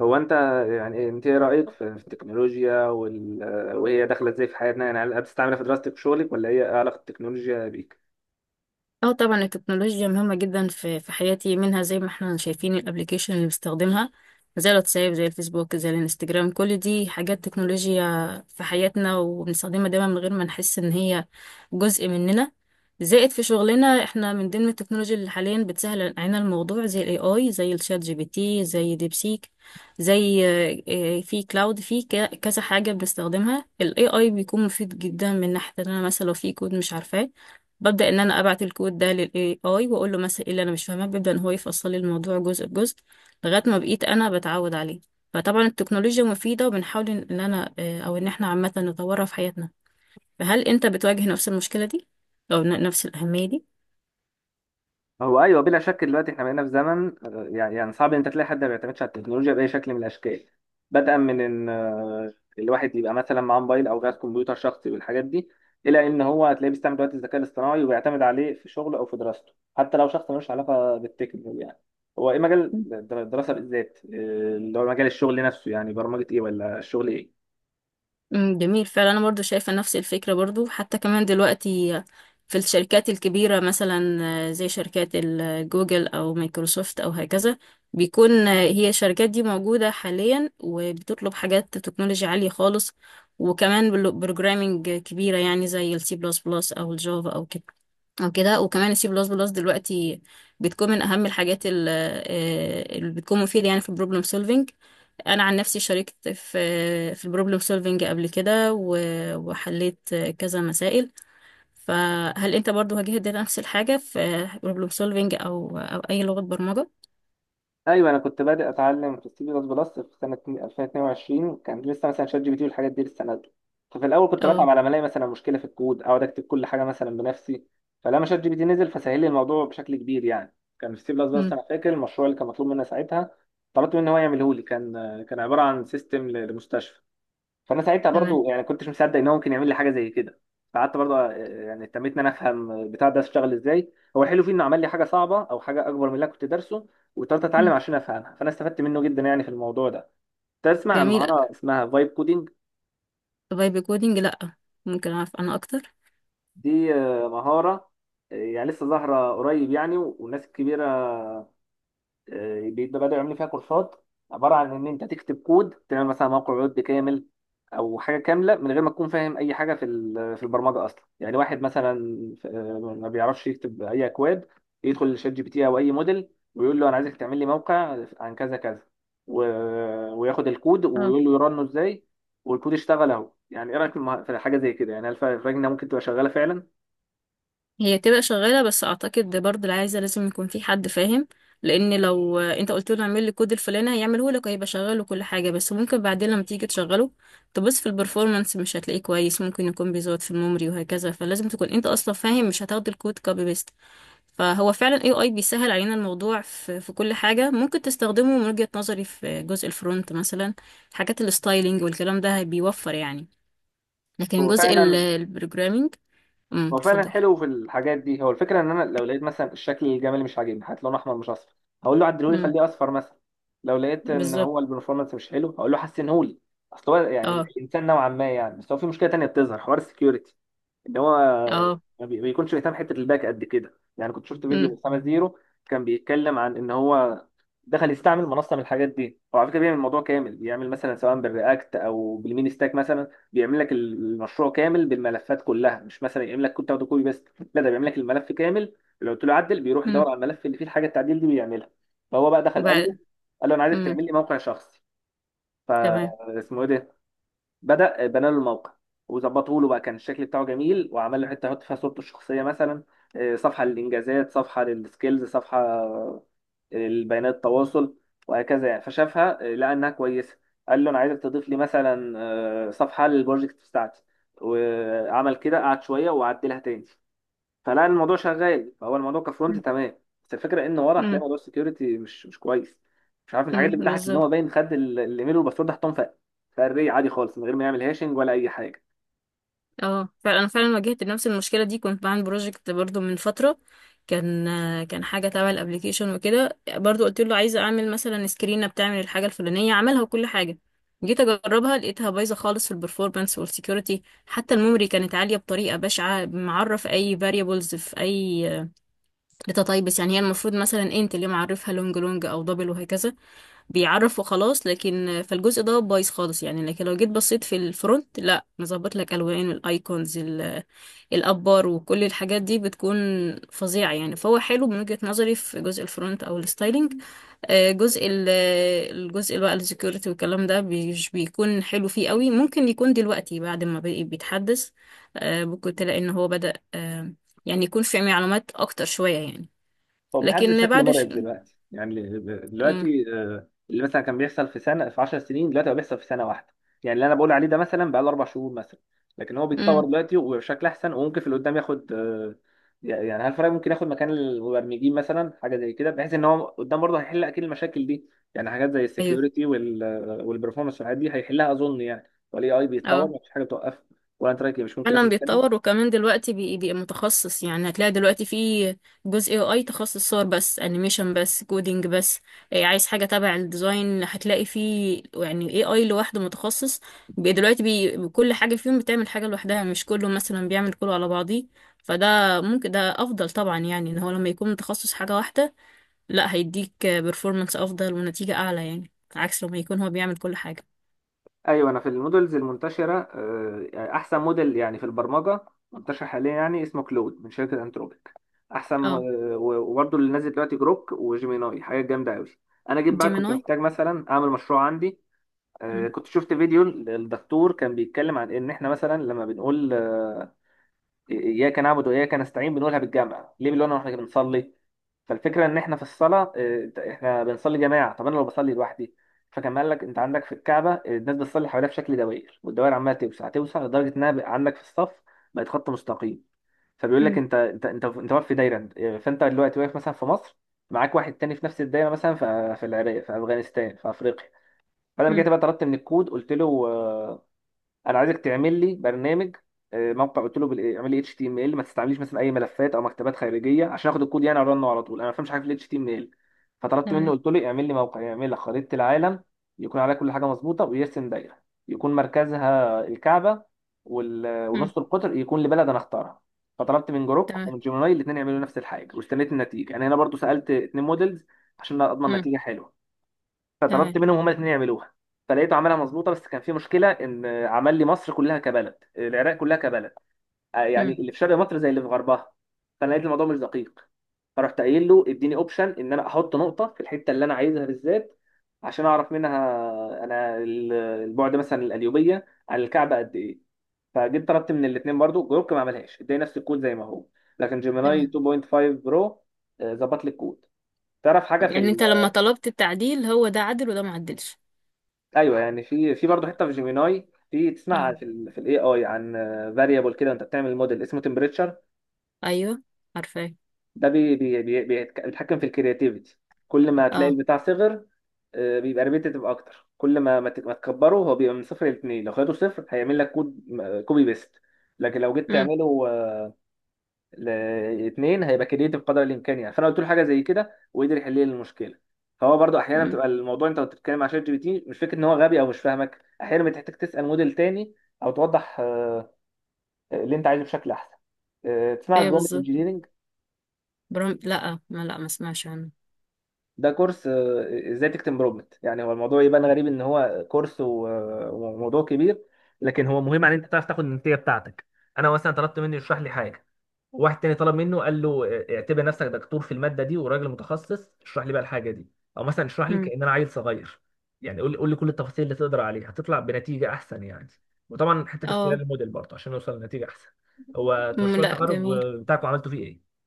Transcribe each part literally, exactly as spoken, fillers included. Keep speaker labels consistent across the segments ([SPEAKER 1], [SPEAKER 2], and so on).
[SPEAKER 1] هو انت يعني انت ايه رايك في في التكنولوجيا وال... وهي داخله ازاي في حياتنا؟ يعني هل بتستعملها في دراستك وشغلك، ولا هي إيه علاقه التكنولوجيا بيك؟
[SPEAKER 2] اه، طبعا التكنولوجيا مهمة جدا في في حياتي. منها زي ما احنا شايفين الابليكيشن اللي بستخدمها زي الواتساب، زي الفيسبوك، زي الانستجرام. كل دي حاجات تكنولوجيا في حياتنا وبنستخدمها دايما من غير ما نحس ان هي جزء مننا. زائد في شغلنا احنا من ضمن التكنولوجيا اللي حاليا بتسهل علينا الموضوع زي الاي اي، زي الشات جي بي تي، زي ديبسيك، زي آه، آه، في كلاود، في ك- كذا حاجة بنستخدمها. الاي اي بيكون مفيد جدا من ناحية ان انا مثلا لو في كود مش عارفاه، ببدأ ان انا ابعت الكود ده للاي اي واقول له مثلا ايه اللي انا مش فاهماه. بيبدأ ان هو يفصل لي الموضوع جزء بجزء لغاية ما بقيت انا بتعود عليه. فطبعا التكنولوجيا مفيدة وبنحاول ان إن انا آه، او ان احنا عامة نطورها في حياتنا. فهل انت بتواجه نفس المشكلة دي او ن- نفس الأهمية دي؟
[SPEAKER 1] هو ايوه، بلا شك دلوقتي احنا بقينا في زمن آه، يعني يعني صعب ان انت تلاقي حد ما بيعتمدش على التكنولوجيا باي شكل من الاشكال. بدءا من ان آه، الواحد يبقى مثلا معاه موبايل او جهاز كمبيوتر شخصي والحاجات دي، الى ان هو هتلاقيه بيستعمل دلوقتي الذكاء الاصطناعي وبيعتمد عليه في شغله او في دراسته، حتى لو شخص ملوش علاقه بالتكنولوجيا. يعني هو ايه مجال الدراسه بالذات، آه، اللي هو مجال الشغل نفسه؟ يعني برمجه ايه، ولا الشغل ايه؟
[SPEAKER 2] امم، جميل فعلا. انا برضو شايفه نفس الفكره برضو. حتى كمان دلوقتي في الشركات الكبيره مثلا، آه، زي شركات ال- آه، جوجل او مايكروسوفت او هكذا. بيكون آه، هي الشركات دي موجوده حاليا وبتطلب حاجات تكنولوجيا عاليه خالص. وكمان بروجرامينج كبيره يعني زي السي بلس بلس او الجافا او كده، او كده. وكمان السي بلس بلس دلوقتي بتكون من اهم الحاجات ال- آه، اللي بتكون مفيده يعني في البروبلم سولفينج. انا عن نفسي شاركت في في البروبلم سولفينج قبل كده و- وحليت كذا مسائل. فهل انت برضو واجهت نفس الحاجه في بروبلم سولفينج او او اي لغه برمجه؟
[SPEAKER 1] ايوه، انا كنت بادئ اتعلم في السي بلس بلس في سنه ألفين واثنين وعشرين. كان لسه مثلا شات جي بي تي والحاجات دي لسه نازله. ففي الاول كنت بتعب
[SPEAKER 2] اه.
[SPEAKER 1] على ما الاقي مثلا مشكله في الكود، اقعد اكتب كل حاجه مثلا بنفسي. فلما شات جي بي تي نزل، فسهل لي الموضوع بشكل كبير يعني. كان في السي بلس بلس
[SPEAKER 2] مم،
[SPEAKER 1] انا فاكر المشروع اللي كان مطلوب مني ساعتها، طلبت منه هو يعمله لي. كان كان عباره عن سيستم لمستشفى. فانا ساعتها
[SPEAKER 2] تمام.
[SPEAKER 1] برضو يعني كنتش مصدق ان هو ممكن يعمل لي حاجه زي كده. فقعدت برضو آه، يعني اهتميت ان انا افهم البتاع ده اشتغل ازاي. هو الحلو فيه انه عمل لي حاجه صعبه، او حاجه اكبر من اللي أنا كنت دارسه، واضطريت اتعلم
[SPEAKER 2] مم،
[SPEAKER 1] عشان افهمها. فانا استفدت منه جدا يعني في الموضوع ده. تسمع عن
[SPEAKER 2] جميل.
[SPEAKER 1] مهاره اسمها فايب كودينج؟
[SPEAKER 2] طب بايب كودينج لا، ممكن اعرف انا اكتر؟
[SPEAKER 1] دي آه، مهاره آه، يعني لسه ظاهره قريب يعني، والناس الكبيره آه، بيبقى بدأوا يعملوا فيها كورسات. عبارة عن إن أنت تكتب كود تعمل مثلا موقع ويب كامل، أو حاجة كاملة، من غير ما تكون فاهم أي حاجة في ال- في البرمجة أصلا. يعني واحد مثلا آه، ما بيعرفش يكتب أي أكواد، يدخل لشات جي بي تي أو أي موديل ويقول له أنا عايزك تعمل لي موقع عن كذا كذا و... وياخد الكود ويقول له يرنه إزاي، والكود اشتغل أهو. يعني إيه رأيك في الم- في حاجة زي كده؟ يعني هل فا- فاكر إنها ممكن تبقى شغالة فعلا؟
[SPEAKER 2] هي تبقى شغالة بس أعتقد برضه اللي عايزة لازم يكون في حد فاهم. لأن لو أنت قلت له اعمل لي كود الفلاني هيعمله لك، هيبقى شغال وكل حاجة، بس ممكن بعدين لما تيجي تشغله تبص في البرفورمانس مش هتلاقيه كويس. ممكن يكون بيزود في الميموري وهكذا. فلازم تكون أنت أصلا فاهم، مش هتاخد الكود كوبي بيست. فهو فعلا اي اي بيسهل علينا الموضوع في, في كل حاجة. ممكن تستخدمه من وجهة نظري في جزء الفرونت مثلا، حاجات الستايلينج والكلام ده، بيوفر يعني. لكن
[SPEAKER 1] هو
[SPEAKER 2] جزء
[SPEAKER 1] فعلا،
[SPEAKER 2] البروجرامينج. امم،
[SPEAKER 1] هو فعلا
[SPEAKER 2] اتفضل.
[SPEAKER 1] حلو في الحاجات دي. هو الفكره ان انا لو لقيت مثلا الشكل الجمالي مش عاجبني، هات لون احمر مش اصفر، هقول له عدلهولي
[SPEAKER 2] امم،
[SPEAKER 1] خليه اصفر مثلا. لو لقيت ان
[SPEAKER 2] بالظبط.
[SPEAKER 1] هو البرفورمانس مش حلو، هقول له حسنهولي. اصل هو يعني
[SPEAKER 2] اه.
[SPEAKER 1] الانسان نوعا ما يعني. بس هو في مشكله تانيه بتظهر، حوار السكيورتي. ان هو
[SPEAKER 2] اه.
[SPEAKER 1] ما بي- بيكونش بيهتم حته الباك قد كده يعني. كنت شفت فيديو
[SPEAKER 2] امم.
[SPEAKER 1] اسامه زيرو، كان بيتكلم عن ان هو دخل يستعمل منصه من الحاجات دي. هو على فكره بيعمل الموضوع كامل، بيعمل مثلا سواء بالرياكت او بالمين ستاك، مثلا بيعمل لك المشروع كامل بالملفات كلها، مش مثلا يعمل لك كود تاخده كوبي بس، لا ده بيعمل لك الملف كامل. لو قلت له عدل، بيروح يدور
[SPEAKER 2] امم.
[SPEAKER 1] على الملف اللي فيه الحاجه التعديل دي ويعملها. فهو بقى دخل قال له،
[SPEAKER 2] وبعد.
[SPEAKER 1] قال له انا عايزك
[SPEAKER 2] امم.
[SPEAKER 1] تعمل لي موقع شخصي،
[SPEAKER 2] تمام.
[SPEAKER 1] فاسمه ايه ده. بدأ بنى له الموقع وظبطوا له بقى، كان الشكل بتاعه جميل. وعمل له حته يحط فيها صورته الشخصيه مثلا، آه، صفحه للانجازات، صفحه للسكيلز، صفحه آه، لبيانات التواصل، وهكذا يعني. فشافها آه، لقى انها كويسه. قال له انا عايزك تضيف لي مثلا آه، صفحه للبروجكت بتاعتي، وعمل كده. قعد شويه وعدلها تاني. فلا الموضوع شغال، فهو الموضوع كفرونت
[SPEAKER 2] امم.
[SPEAKER 1] تمام. بس الفكره ان ورا هتلاقي
[SPEAKER 2] امم.
[SPEAKER 1] موضوع السكيورتي مش مش كويس. مش عارف الحاجات
[SPEAKER 2] أمم،
[SPEAKER 1] اللي بتاعك، ان
[SPEAKER 2] بالظبط.
[SPEAKER 1] هو باين خد ال- الايميل والباسورد حطهم في في الري عادي خالص، من غير ما يعمل هاشنج ولا اي حاجه.
[SPEAKER 2] اه فعلا، انا فعلا واجهت نفس المشكله دي. كنت بعمل بروجكت برضو من فتره، كان كان حاجه تبع الابليكيشن وكده. برضو قلت له عايزه اعمل مثلا سكرينه بتعمل الحاجه الفلانيه، عملها وكل حاجه. جيت اجربها لقيتها بايظه خالص في البرفورمانس والسكيورتي. حتى الميموري كانت عاليه بطريقه بشعه. معرف اي فاريبلز في اي داتا تايبس، يعني هي المفروض مثلا انت اللي معرفها لونج لونج او دبل وهكذا. بيعرف وخلاص. لكن فالجزء ده بايظ خالص يعني. لكن لو جيت بصيت في الفرونت لا، مظبط لك الوان الايكونز ال- الابار وكل الحاجات دي بتكون فظيعه يعني. فهو حلو من وجهه نظري في جزء الفرونت او الستايلينج. آه، جزء ال- الجزء اللي هو السكيورتي والكلام ده مش بيكون حلو فيه قوي. ممكن يكون دلوقتي بعد ما بقى بيتحدث، آه، ممكن تلاقي ان هو بدأ آه، يعني يكون في معلومات اكتر شويه يعني.
[SPEAKER 1] هو بيتعدل
[SPEAKER 2] لكن
[SPEAKER 1] بشكل
[SPEAKER 2] بعد ش...
[SPEAKER 1] مرعب دلوقتي يعني.
[SPEAKER 2] مم.
[SPEAKER 1] دلوقتي آه، اللي مثلا كان بيحصل في سنه، في 10 سنين، دلوقتي بقى بيحصل في سنه واحده. يعني اللي انا بقول عليه ده مثلا بقى له اربع شهور مثلا، لكن هو بيتطور
[SPEAKER 2] مم.
[SPEAKER 1] دلوقتي وبشكل احسن. وممكن في اللي قدام ياخد آه، يعني هل فرق، ممكن ياخد مكان المبرمجين مثلا حاجه زي كده؟ بحيث ان هو قدام برضه هيحل اكيد المشاكل دي. يعني حاجات زي
[SPEAKER 2] ايوه.
[SPEAKER 1] السكيورتي والبرفورمانس والحاجات دي هيحلها اظن يعني، والاي اي بيتطور
[SPEAKER 2] أه.
[SPEAKER 1] مفيش حاجه بتوقفه. ولا انت رايك إيه؟ مش ممكن
[SPEAKER 2] فعلا
[SPEAKER 1] ياخد مكانه؟
[SPEAKER 2] بيتطور. وكمان دلوقتي بي- بيبقى متخصص. يعني هتلاقي دلوقتي في جزء اي اي تخصص صور بس، انيميشن بس، كودينج بس. إيه، عايز حاجه تبع الديزاين هتلاقي فيه يعني اي اي لوحده متخصص. بي- دلوقتي بي كل حاجه فيهم بتعمل حاجه لوحدها، مش كله مثلا بيعمل كله على بعضيه. فده ممكن ده افضل طبعا يعني. ان هو لما يكون متخصص حاجه واحده لا، هيديك بيرفورمانس افضل ونتيجه اعلى، يعني عكس لما يكون هو بيعمل كل حاجه.
[SPEAKER 1] ايوه. انا في المودلز المنتشره آه، يعني احسن موديل يعني في البرمجه منتشر حاليا، يعني اسمه كلود من شركه انتروبيك. احسن م-
[SPEAKER 2] اه.
[SPEAKER 1] آه، و- وبرضه اللي نازل دلوقتي جروك وجيميناي، حاجات جامده قوي. انا جيت بقى كنت
[SPEAKER 2] جيميناي.
[SPEAKER 1] محتاج مثلا اعمل مشروع عندي. آه،
[SPEAKER 2] مم.
[SPEAKER 1] كنت شفت فيديو للدكتور كان بيتكلم عن ان احنا مثلا لما بنقول آه، اياك نعبد واياك نستعين، بنقولها بالجامع ليه؟ بنقولها واحنا بنصلي. فالفكره ان احنا في الصلاه آه، احنا بنصلي جماعه. طب انا لو بصلي لوحدي؟ فكان قال لك انت عندك في الكعبه آه، الناس بتصلي حواليها في شكل دوائر، والدوائر عماله توسع توسع لدرجه انها بقى عندك في الصف بقت خط مستقيم. فبيقول لك
[SPEAKER 2] مم.
[SPEAKER 1] انت، انت، انت، انت واقف في دايره. آه، فانت دلوقتي واقف مثلا في مصر، معاك واحد تاني في نفس الدايره مثلا في في العراق، في افغانستان، في افريقيا. فانا
[SPEAKER 2] مم.
[SPEAKER 1] جيت بقى طلبت من الكود، قلت له آه، انا عايزك تعمل لي برنامج آه، موقع. قلت له بال- إيه، اعمل لي اتش تي ام ال، ما تستعمليش مثلا اي ملفات او مكتبات خارجيه، عشان اخد الكود يعني ارنه على طول. انا ما بفهمش حاجه في الاتش تي ام ال. فطلبت منه،
[SPEAKER 2] تمام.
[SPEAKER 1] قلت له اعمل لي موقع يعمل لك خريطه العالم، يكون عليها كل حاجه مظبوطه، ويرسم دايره يكون مركزها الكعبه، وال-
[SPEAKER 2] مم.
[SPEAKER 1] ونص القطر يكون لبلد انا اختارها. فطلبت من جروك
[SPEAKER 2] تمام.
[SPEAKER 1] ومن جيميناي الاثنين يعملوا نفس الحاجه واستنيت النتيجه. يعني انا برضو سالت اتنين موديلز عشان اضمن
[SPEAKER 2] امم.
[SPEAKER 1] نتيجه حلوه. فطلبت
[SPEAKER 2] تمام.
[SPEAKER 1] منهم هما الاثنين يعملوها. فلقيته عملها مظبوطه، بس كان في مشكله ان عمل لي مصر كلها كبلد، العراق كلها كبلد. آه، يعني
[SPEAKER 2] امم.
[SPEAKER 1] اللي في شرق مصر زي اللي في غربها. فانا لقيت الموضوع مش دقيق. فرحت قايل له اديني اوبشن ان انا احط نقطه في الحته اللي انا عايزها بالذات، عشان اعرف منها انا ال- البعد مثلا القليوبيه عن الكعبه قد ايه. فجيت طلبت من الاثنين برضو، جروك ما عملهاش، اداني نفس الكود زي ما هو. لكن جيميناي
[SPEAKER 2] تمام.
[SPEAKER 1] اتنين فاصلة خمسة برو آه، ظبط لي الكود. تعرف حاجه في؟
[SPEAKER 2] يعني انت لما طلبت التعديل هو ده عدل وده ما عدلش؟
[SPEAKER 1] ايوه يعني في في برضه حته في جيميناي، في تسمع
[SPEAKER 2] اه.
[SPEAKER 1] في ال في الاي اي عن فاريبل كده انت بتعمل موديل اسمه تمبريتشر.
[SPEAKER 2] ايوه، عارفاه.
[SPEAKER 1] ده بي بي بي بيتك- بيتحكم في الكرياتيفيتي. كل ما هتلاقي
[SPEAKER 2] اه.
[SPEAKER 1] البتاع صغر آه، بيبقى ريبيتيتيف اكتر. كل ما ما ت- ما تكبره هو بيبقى. من صفر لاتنين، لو خدته صفر هيعمل لك كود كوبي بيست. لكن لو جيت
[SPEAKER 2] امم.
[SPEAKER 1] تعمله آه، لاثنين هيبقى كرييتيف قدر الامكان يعني. فانا قلت له حاجه زي كده وقدر يحل لي المشكله. فهو برضو احيانا
[SPEAKER 2] امم.
[SPEAKER 1] بتبقى الموضوع انت بتتكلم مع شات جي بي تي، مش فكره ان هو غبي او مش فاهمك، احيانا بتحتاج تسال موديل تاني او توضح آه، اللي انت عايزه بشكل احسن. آه، تسمع
[SPEAKER 2] ايوه،
[SPEAKER 1] البرومبت
[SPEAKER 2] بالظبط.
[SPEAKER 1] انجينيرنج؟
[SPEAKER 2] برام لا، ما لا، ما اسمعش عنه.
[SPEAKER 1] ده كورس آه، ازاي تكتب برومبت. يعني هو الموضوع يبان غريب ان هو كورس و- وموضوع كبير، لكن هو مهم على ان انت تعرف تاخد النتيجه بتاعتك. انا مثلا طلبت منه يشرح لي حاجه، واحد تاني طلب منه قال له اه، اعتبر نفسك دكتور في الماده دي وراجل متخصص اشرح لي بقى الحاجه دي، او مثلا اشرح لي
[SPEAKER 2] امم.
[SPEAKER 1] كأن انا عيل صغير. يعني قول لي قول لي كل التفاصيل اللي تقدر عليها، هتطلع بنتيجه احسن يعني. وطبعا حته اختيار
[SPEAKER 2] اه.
[SPEAKER 1] الموديل برضه عشان نوصل لنتيجه احسن. هو
[SPEAKER 2] أمم،
[SPEAKER 1] مشروع
[SPEAKER 2] لا
[SPEAKER 1] التخرج
[SPEAKER 2] جميل.
[SPEAKER 1] بتاعكم عملتوا فيه ايه؟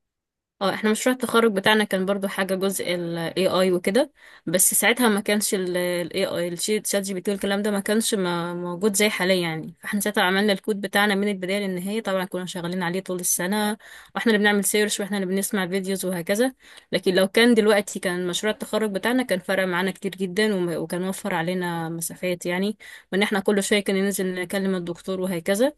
[SPEAKER 2] اه احنا مشروع التخرج بتاعنا كان برضو حاجة جزء ال A I وكده. بس ساعتها ما كانش ال ال ايه آي، الشات شات جي بي تي والكلام ده، ما كانش ما موجود زي حاليا يعني. فاحنا ساعتها عملنا الكود بتاعنا من البداية للنهاية. طبعا كنا شغالين عليه طول السنة واحنا اللي بنعمل سيرش واحنا اللي بنسمع فيديوز وهكذا. لكن لو كان دلوقتي كان مشروع التخرج بتاعنا، كان فرق معانا كتير جدا وم- وكان وفر علينا مسافات يعني، وان احنا كل شوية كنا ننزل نكلم الدكتور وهكذا.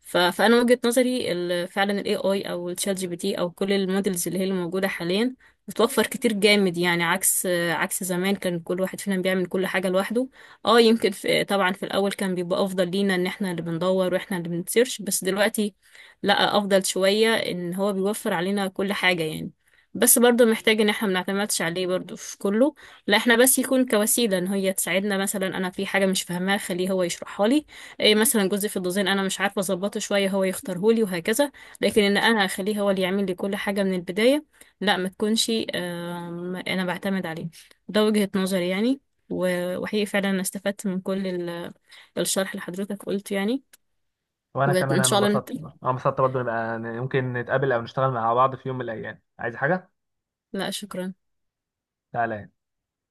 [SPEAKER 2] ف- فانا وجهة نظري ال- فعلا الاي اي او الشات جي بي تي او كل المودلز اللي هي اللي موجوده حاليا بتوفر كتير جامد يعني. عكس عكس زمان كان كل واحد فينا بيعمل كل حاجه لوحده. اه، يمكن في طبعا في الاول كان بيبقى افضل لينا ان احنا اللي بندور واحنا اللي بنسيرش، بس دلوقتي لا، افضل شويه ان هو بيوفر علينا كل حاجه يعني. بس برضه محتاج ان احنا ما نعتمدش عليه برضه في كله. لا احنا بس يكون كوسيله ان هي تساعدنا. مثلا انا في حاجه مش فاهماها خليه هو يشرحها لي. ايه مثلا، جزء في الديزاين انا مش عارفه اظبطه شويه هو يختارهولي وهكذا. لكن ان انا اخليه هو اللي يعمل لي كل حاجه من البدايه لا، ما تكونش، آم، انا بعتمد عليه. ده وجهه نظري يعني. و- وحقيقي فعلا انا استفدت من كل ال- الشرح اللي حضرتك قلته يعني.
[SPEAKER 1] وانا كمان،
[SPEAKER 2] وان
[SPEAKER 1] انا
[SPEAKER 2] شاء الله نت...
[SPEAKER 1] انبسطت برضه انا انبسطت برضه نبقى ممكن نتقابل او نشتغل مع بعض في يوم من الايام، عايز حاجه
[SPEAKER 2] لا شكرا.
[SPEAKER 1] تعالى.